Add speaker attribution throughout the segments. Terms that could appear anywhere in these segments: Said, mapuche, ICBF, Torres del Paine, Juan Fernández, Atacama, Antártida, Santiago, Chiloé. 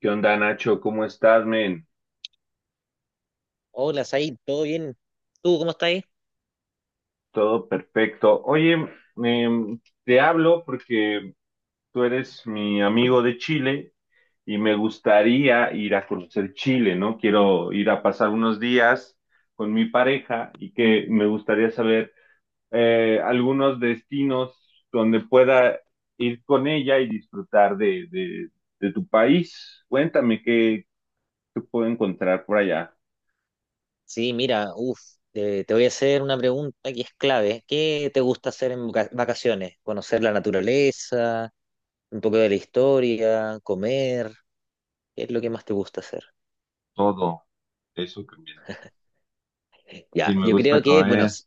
Speaker 1: ¿Qué onda, Nacho? ¿Cómo estás, men?
Speaker 2: Hola, Said, ¿todo bien? ¿Tú cómo estás ahí?
Speaker 1: Todo perfecto. Oye, te hablo porque tú eres mi amigo de Chile y me gustaría ir a conocer Chile, ¿no? Quiero ir a pasar unos días con mi pareja y que me gustaría saber algunos destinos donde pueda ir con ella y disfrutar de tu país. Cuéntame qué puedo encontrar por allá.
Speaker 2: Sí, mira, te voy a hacer una pregunta que es clave. ¿Qué te gusta hacer en vacaciones? ¿Conocer la naturaleza, un poco de la historia, comer? ¿Qué es lo que más te gusta hacer?
Speaker 1: Todo eso también. Sí,
Speaker 2: Ya,
Speaker 1: me
Speaker 2: yo
Speaker 1: gusta
Speaker 2: creo que,
Speaker 1: comer.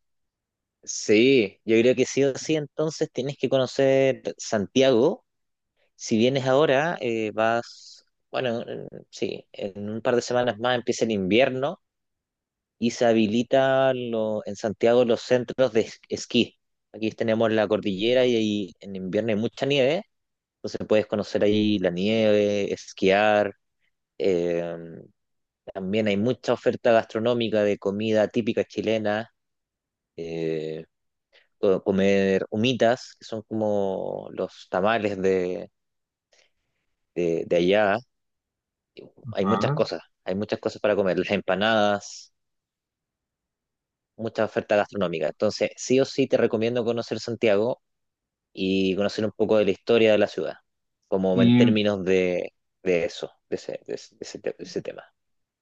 Speaker 2: sí, yo creo que sí o sí, entonces tienes que conocer Santiago. Si vienes ahora, vas, bueno, sí, en un par de semanas más empieza el invierno. Y se habilita en Santiago los centros de esquí. Aquí tenemos la cordillera y ahí en invierno hay mucha nieve, entonces puedes conocer ahí la nieve, esquiar. eh, También hay mucha oferta gastronómica de comida típica chilena, eh, comer humitas, que son como los tamales de allá.
Speaker 1: Ajá.
Speaker 2: Hay muchas cosas para comer, las empanadas, mucha oferta gastronómica. Entonces, sí o sí te recomiendo conocer Santiago y conocer un poco de la historia de la ciudad, como en
Speaker 1: Y,
Speaker 2: términos de eso, de ese, de ese- de ese te- de ese tema.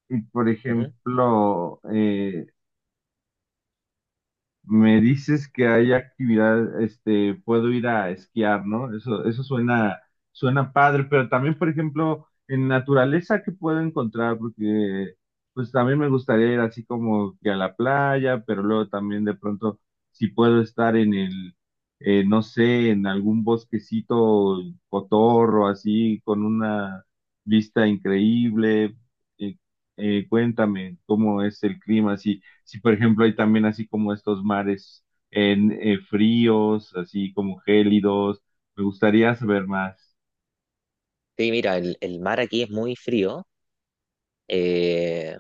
Speaker 1: por
Speaker 2: Ujú.
Speaker 1: ejemplo, me dices que hay actividad, este, puedo ir a esquiar, ¿no? Eso suena, suena padre, pero también, por ejemplo, en naturaleza, ¿qué puedo encontrar? Porque pues también me gustaría ir así como que a la playa, pero luego también de pronto, si puedo estar en no sé, en algún bosquecito cotorro, así, con una vista increíble. Eh, cuéntame cómo es el clima, así si por ejemplo hay también así como estos mares en fríos, así como gélidos, me gustaría saber más.
Speaker 2: Sí, mira, el mar aquí es muy frío. eh,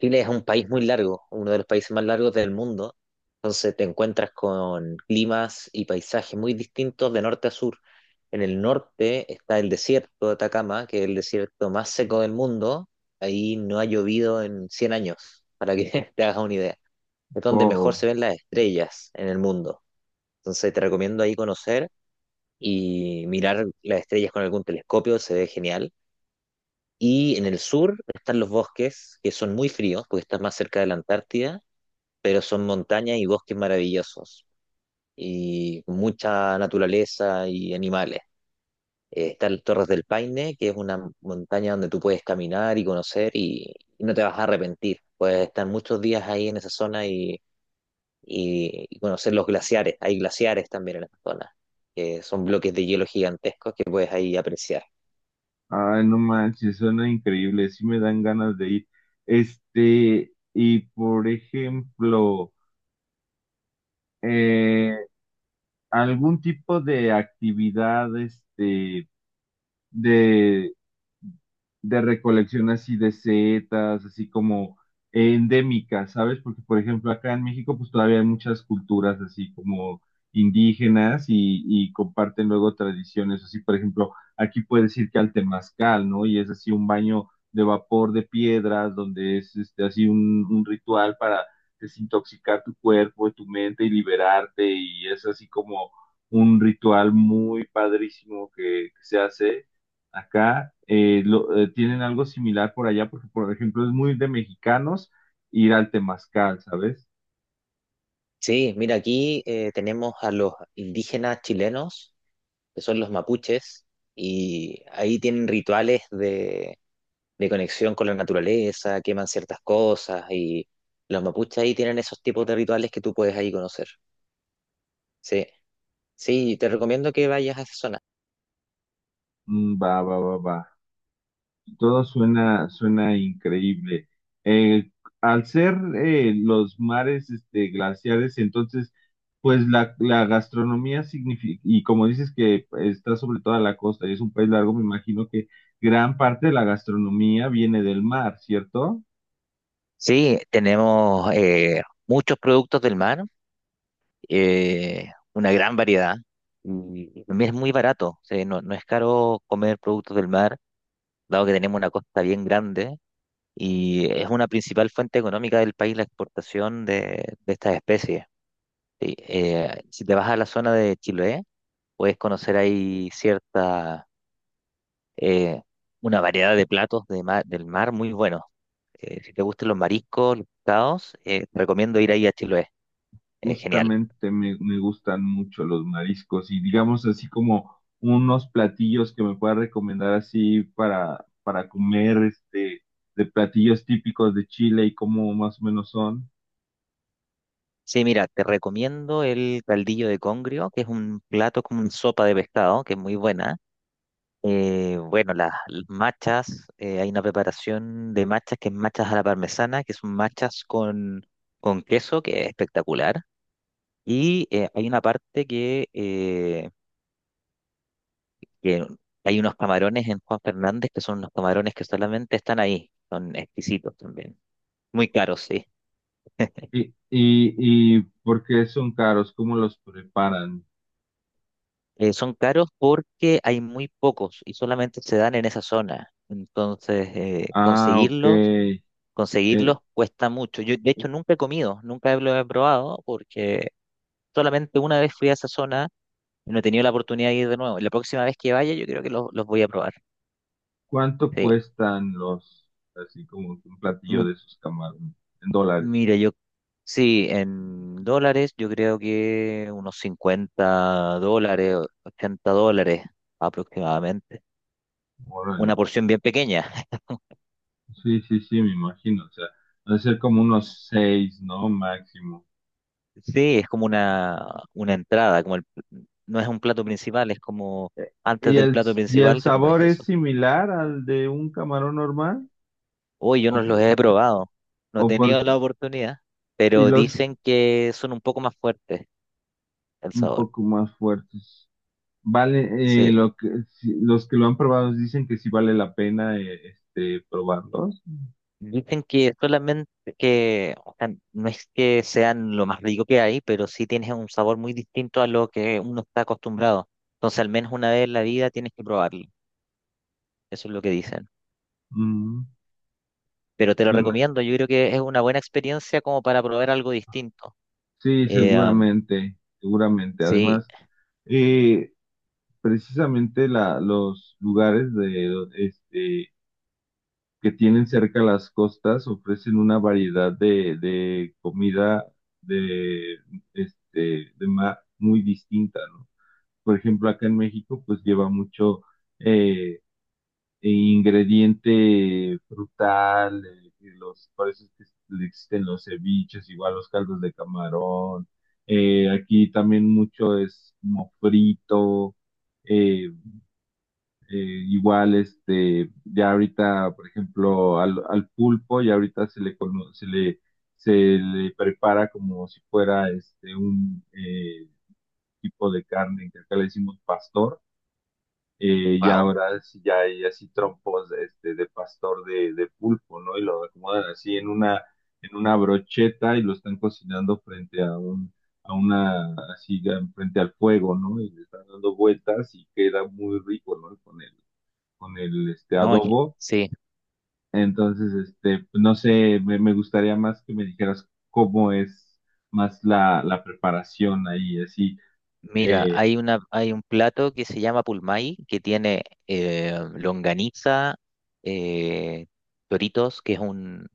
Speaker 2: Chile es un país muy largo, uno de los países más largos del mundo. Entonces te encuentras con climas y paisajes muy distintos de norte a sur. En el norte está el desierto de Atacama, que es el desierto más seco del mundo. Ahí no ha llovido en 100 años, para que te hagas una idea. Es donde mejor
Speaker 1: Wow,
Speaker 2: se ven las estrellas en el mundo. Entonces te recomiendo ahí conocer y mirar las estrellas con algún telescopio, se ve genial. Y en el sur están los bosques, que son muy fríos, porque estás más cerca de la Antártida, pero son montañas y bosques maravillosos, y mucha naturaleza y animales. Está el Torres del Paine, que es una montaña donde tú puedes caminar y conocer y no te vas a arrepentir. Puedes estar muchos días ahí en esa zona y conocer los glaciares. Hay glaciares también en esta zona, que son bloques de hielo gigantescos que puedes ahí apreciar.
Speaker 1: ay, no manches, suena increíble, sí me dan ganas de ir. Este, y por ejemplo, eh, algún tipo de actividad, este, de de recolección así de setas, así como endémicas, ¿sabes? Porque, por ejemplo, acá en México, pues todavía hay muchas culturas así como indígenas y comparten luego tradiciones, así, por ejemplo, aquí puedes ir que al temazcal, ¿no? Y es así un baño de vapor de piedras, donde es este, así un ritual para desintoxicar tu cuerpo, tu mente y liberarte, y es así como un ritual muy padrísimo que se hace acá, tienen algo similar por allá, porque por ejemplo es muy de mexicanos ir al temazcal, ¿sabes?
Speaker 2: Sí, mira, aquí tenemos a los indígenas chilenos, que son los mapuches, y ahí tienen rituales de conexión con la naturaleza, queman ciertas cosas, y los mapuches ahí tienen esos tipos de rituales que tú puedes ahí conocer. Sí, sí, te recomiendo que vayas a esa zona.
Speaker 1: Mm, va, va, va, va. Todo suena, suena increíble. Eh, al ser los mares este, glaciares, entonces, pues la gastronomía significa, y como dices que está sobre toda la costa y es un país largo, me imagino que gran parte de la gastronomía viene del mar, ¿cierto?
Speaker 2: Sí, tenemos muchos productos del mar, una gran variedad y también es muy barato, o sea, no es caro comer productos del mar, dado que tenemos una costa bien grande y es una principal fuente económica del país la exportación de estas especies. Sí, si te vas a la zona de Chiloé, puedes conocer ahí eh, una variedad de platos de del mar muy buenos. Si te gustan los mariscos, los pescados, te recomiendo ir ahí a Chiloé, es genial.
Speaker 1: Justamente me gustan mucho los mariscos y digamos así como unos platillos que me pueda recomendar así para comer este de platillos típicos de Chile y cómo más o menos son.
Speaker 2: Sí, mira, te recomiendo el caldillo de congrio, que es un plato como una sopa de pescado, que es muy buena. Bueno, las machas, hay una preparación de machas que es machas a la parmesana, que son machas con queso, que es espectacular. Y hay una parte que hay unos camarones en Juan Fernández, que son unos camarones que solamente están ahí, son exquisitos también. Muy caros, sí.
Speaker 1: y, y por qué son caros, cómo los preparan.
Speaker 2: Son caros porque hay muy pocos y solamente se dan en esa zona. Entonces,
Speaker 1: Ah, ok.
Speaker 2: conseguirlos cuesta mucho. Yo, de hecho, nunca he comido, nunca lo he probado porque solamente una vez fui a esa zona y no he tenido la oportunidad de ir de nuevo. La próxima vez que vaya, yo creo que los voy a probar.
Speaker 1: ¿Cuánto
Speaker 2: Sí.
Speaker 1: cuestan los así como un platillo
Speaker 2: M-
Speaker 1: de esos camarones en dólares?
Speaker 2: mira, yo, sí, en dólares, yo creo que unos 50 dólares, 80 dólares aproximadamente.
Speaker 1: Órale.
Speaker 2: Una porción bien pequeña.
Speaker 1: Sí, sí, sí, me imagino. O sea, debe ser como unos seis, ¿no? Máximo.
Speaker 2: Sí, es como una entrada, como no es un plato principal, es como antes
Speaker 1: ¿Y
Speaker 2: del
Speaker 1: el,
Speaker 2: plato
Speaker 1: ¿y el
Speaker 2: principal te comes
Speaker 1: sabor es
Speaker 2: eso.
Speaker 1: similar al de un camarón normal?
Speaker 2: Uy, yo
Speaker 1: ¿O,
Speaker 2: no los
Speaker 1: por-
Speaker 2: he probado, no he
Speaker 1: o por,
Speaker 2: tenido la oportunidad,
Speaker 1: y
Speaker 2: pero
Speaker 1: los
Speaker 2: dicen que son un poco más fuertes el
Speaker 1: un
Speaker 2: sabor.
Speaker 1: poco más fuertes? Vale,
Speaker 2: Sí,
Speaker 1: lo que, si- los que lo han probado dicen que sí vale la pena este, probarlos.
Speaker 2: dicen que solamente que, o sea, no es que sean lo más rico que hay, pero sí tienes un sabor muy distinto a lo que uno está acostumbrado. Entonces, al menos una vez en la vida tienes que probarlo. Eso es lo que dicen.
Speaker 1: Mm,
Speaker 2: Pero te lo
Speaker 1: suena-
Speaker 2: recomiendo, yo creo que es una buena experiencia como para probar algo distinto.
Speaker 1: sí,
Speaker 2: Eh, am,
Speaker 1: seguramente, seguramente.
Speaker 2: sí,
Speaker 1: Además, eh, precisamente los lugares de este que tienen cerca las costas ofrecen una variedad de comida de, este, de mar muy distinta, ¿no? Por ejemplo, acá en México, pues lleva mucho eh, ingrediente frutal, que los, por eso es que le existen los ceviches, igual los caldos de camarón. Aquí también mucho es como frito, eh, eh, igual, este, ya ahorita, por ejemplo, al pulpo, ya ahorita se le, cono- se le prepara como si fuera este, un tipo de carne que acá le decimos pastor. Y
Speaker 2: wow,
Speaker 1: ahora sí ya hay así trompos este, de pastor de pulpo, ¿no? Y lo acomodan así en en una brocheta y lo están cocinando frente a a una, así, ya frente al fuego, ¿no? Y le están dando vueltas y queda muy rico, ¿no? Con el este,
Speaker 2: no,
Speaker 1: adobo.
Speaker 2: sí.
Speaker 1: Entonces, este, no sé, me gustaría más que me dijeras cómo es más la preparación ahí, así.
Speaker 2: Mira,
Speaker 1: Eh,
Speaker 2: hay un plato que se llama pulmay, que tiene longaniza, eh, toritos, que es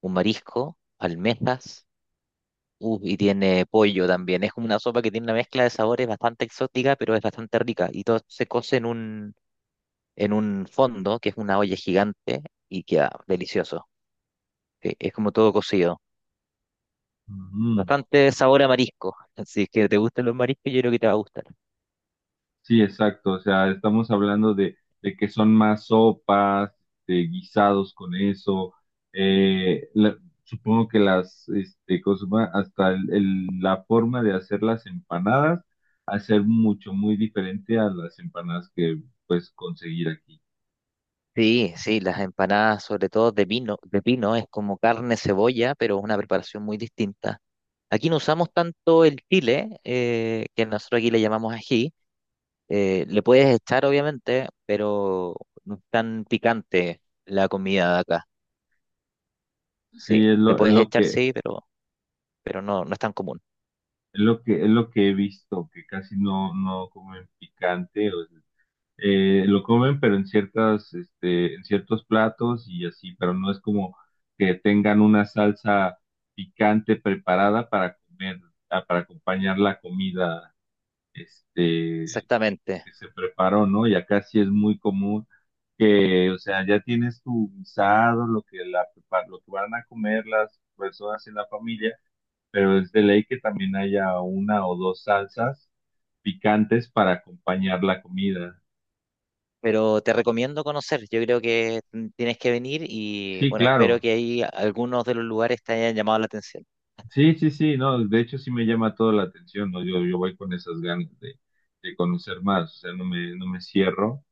Speaker 2: un marisco, almejas, y tiene pollo también. Es como una sopa que tiene una mezcla de sabores bastante exótica, pero es bastante rica. Y todo se cose en en un fondo, que es una olla gigante, y queda delicioso. Sí, es como todo cocido.
Speaker 1: ujú.
Speaker 2: Bastante sabor a marisco. Si es que te gustan los mariscos, yo creo que te va a gustar.
Speaker 1: Sí, exacto. O sea, estamos hablando de que son más sopas, de guisados con eso. Eh, supongo que las, este, ¿cómo se llama? Hasta la forma de hacer las empanadas, hacer mucho, muy diferente a las empanadas que puedes conseguir aquí.
Speaker 2: Sí, sí, las empanadas, sobre todo de pino, es como carne cebolla, pero es una preparación muy distinta. Aquí no usamos tanto el chile, que nosotros aquí le llamamos ají. Le puedes echar, obviamente, pero no es tan picante la comida de acá. Sí,
Speaker 1: Sí,
Speaker 2: le puedes echar, sí, pero no es tan común.
Speaker 1: es lo que he visto, que casi no comen picante, o sea, lo comen pero en ciertas, este, en ciertos platos y así, pero no es como que tengan una salsa picante preparada para comer, ah, para acompañar la comida, este,
Speaker 2: Exactamente.
Speaker 1: que se preparó, ¿no? Y acá sí es muy común que, o sea, ya tienes tu guisado, lo que lo que van a comer las personas en la familia, pero es de ley que también haya una o dos salsas picantes para acompañar la comida.
Speaker 2: Pero te recomiendo conocer, yo creo que tienes que venir y
Speaker 1: Sí,
Speaker 2: bueno, espero
Speaker 1: claro.
Speaker 2: que ahí algunos de los lugares te hayan llamado la atención.
Speaker 1: Sí, sí, sí, no, de hecho sí me llama toda la atención, ¿no? Yo voy con esas ganas de conocer más, o sea, no me cierro.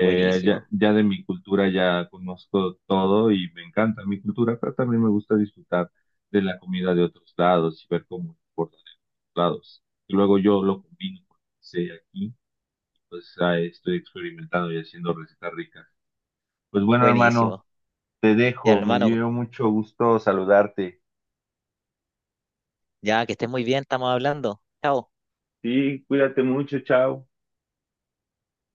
Speaker 2: Buenísimo,
Speaker 1: Ya de mi cultura ya conozco todo y me encanta mi cultura, pero también me gusta disfrutar de la comida de otros lados y ver cómo se comportan en otros lados. Y luego yo lo combino con lo que sé aquí, pues ahí estoy experimentando y haciendo recetas ricas. Pues bueno, hermano,
Speaker 2: buenísimo.
Speaker 1: te
Speaker 2: Ya
Speaker 1: dejo, me
Speaker 2: hermano,
Speaker 1: dio mucho gusto saludarte.
Speaker 2: ya que estés muy bien, estamos hablando. Chao.
Speaker 1: Sí, cuídate mucho, chao.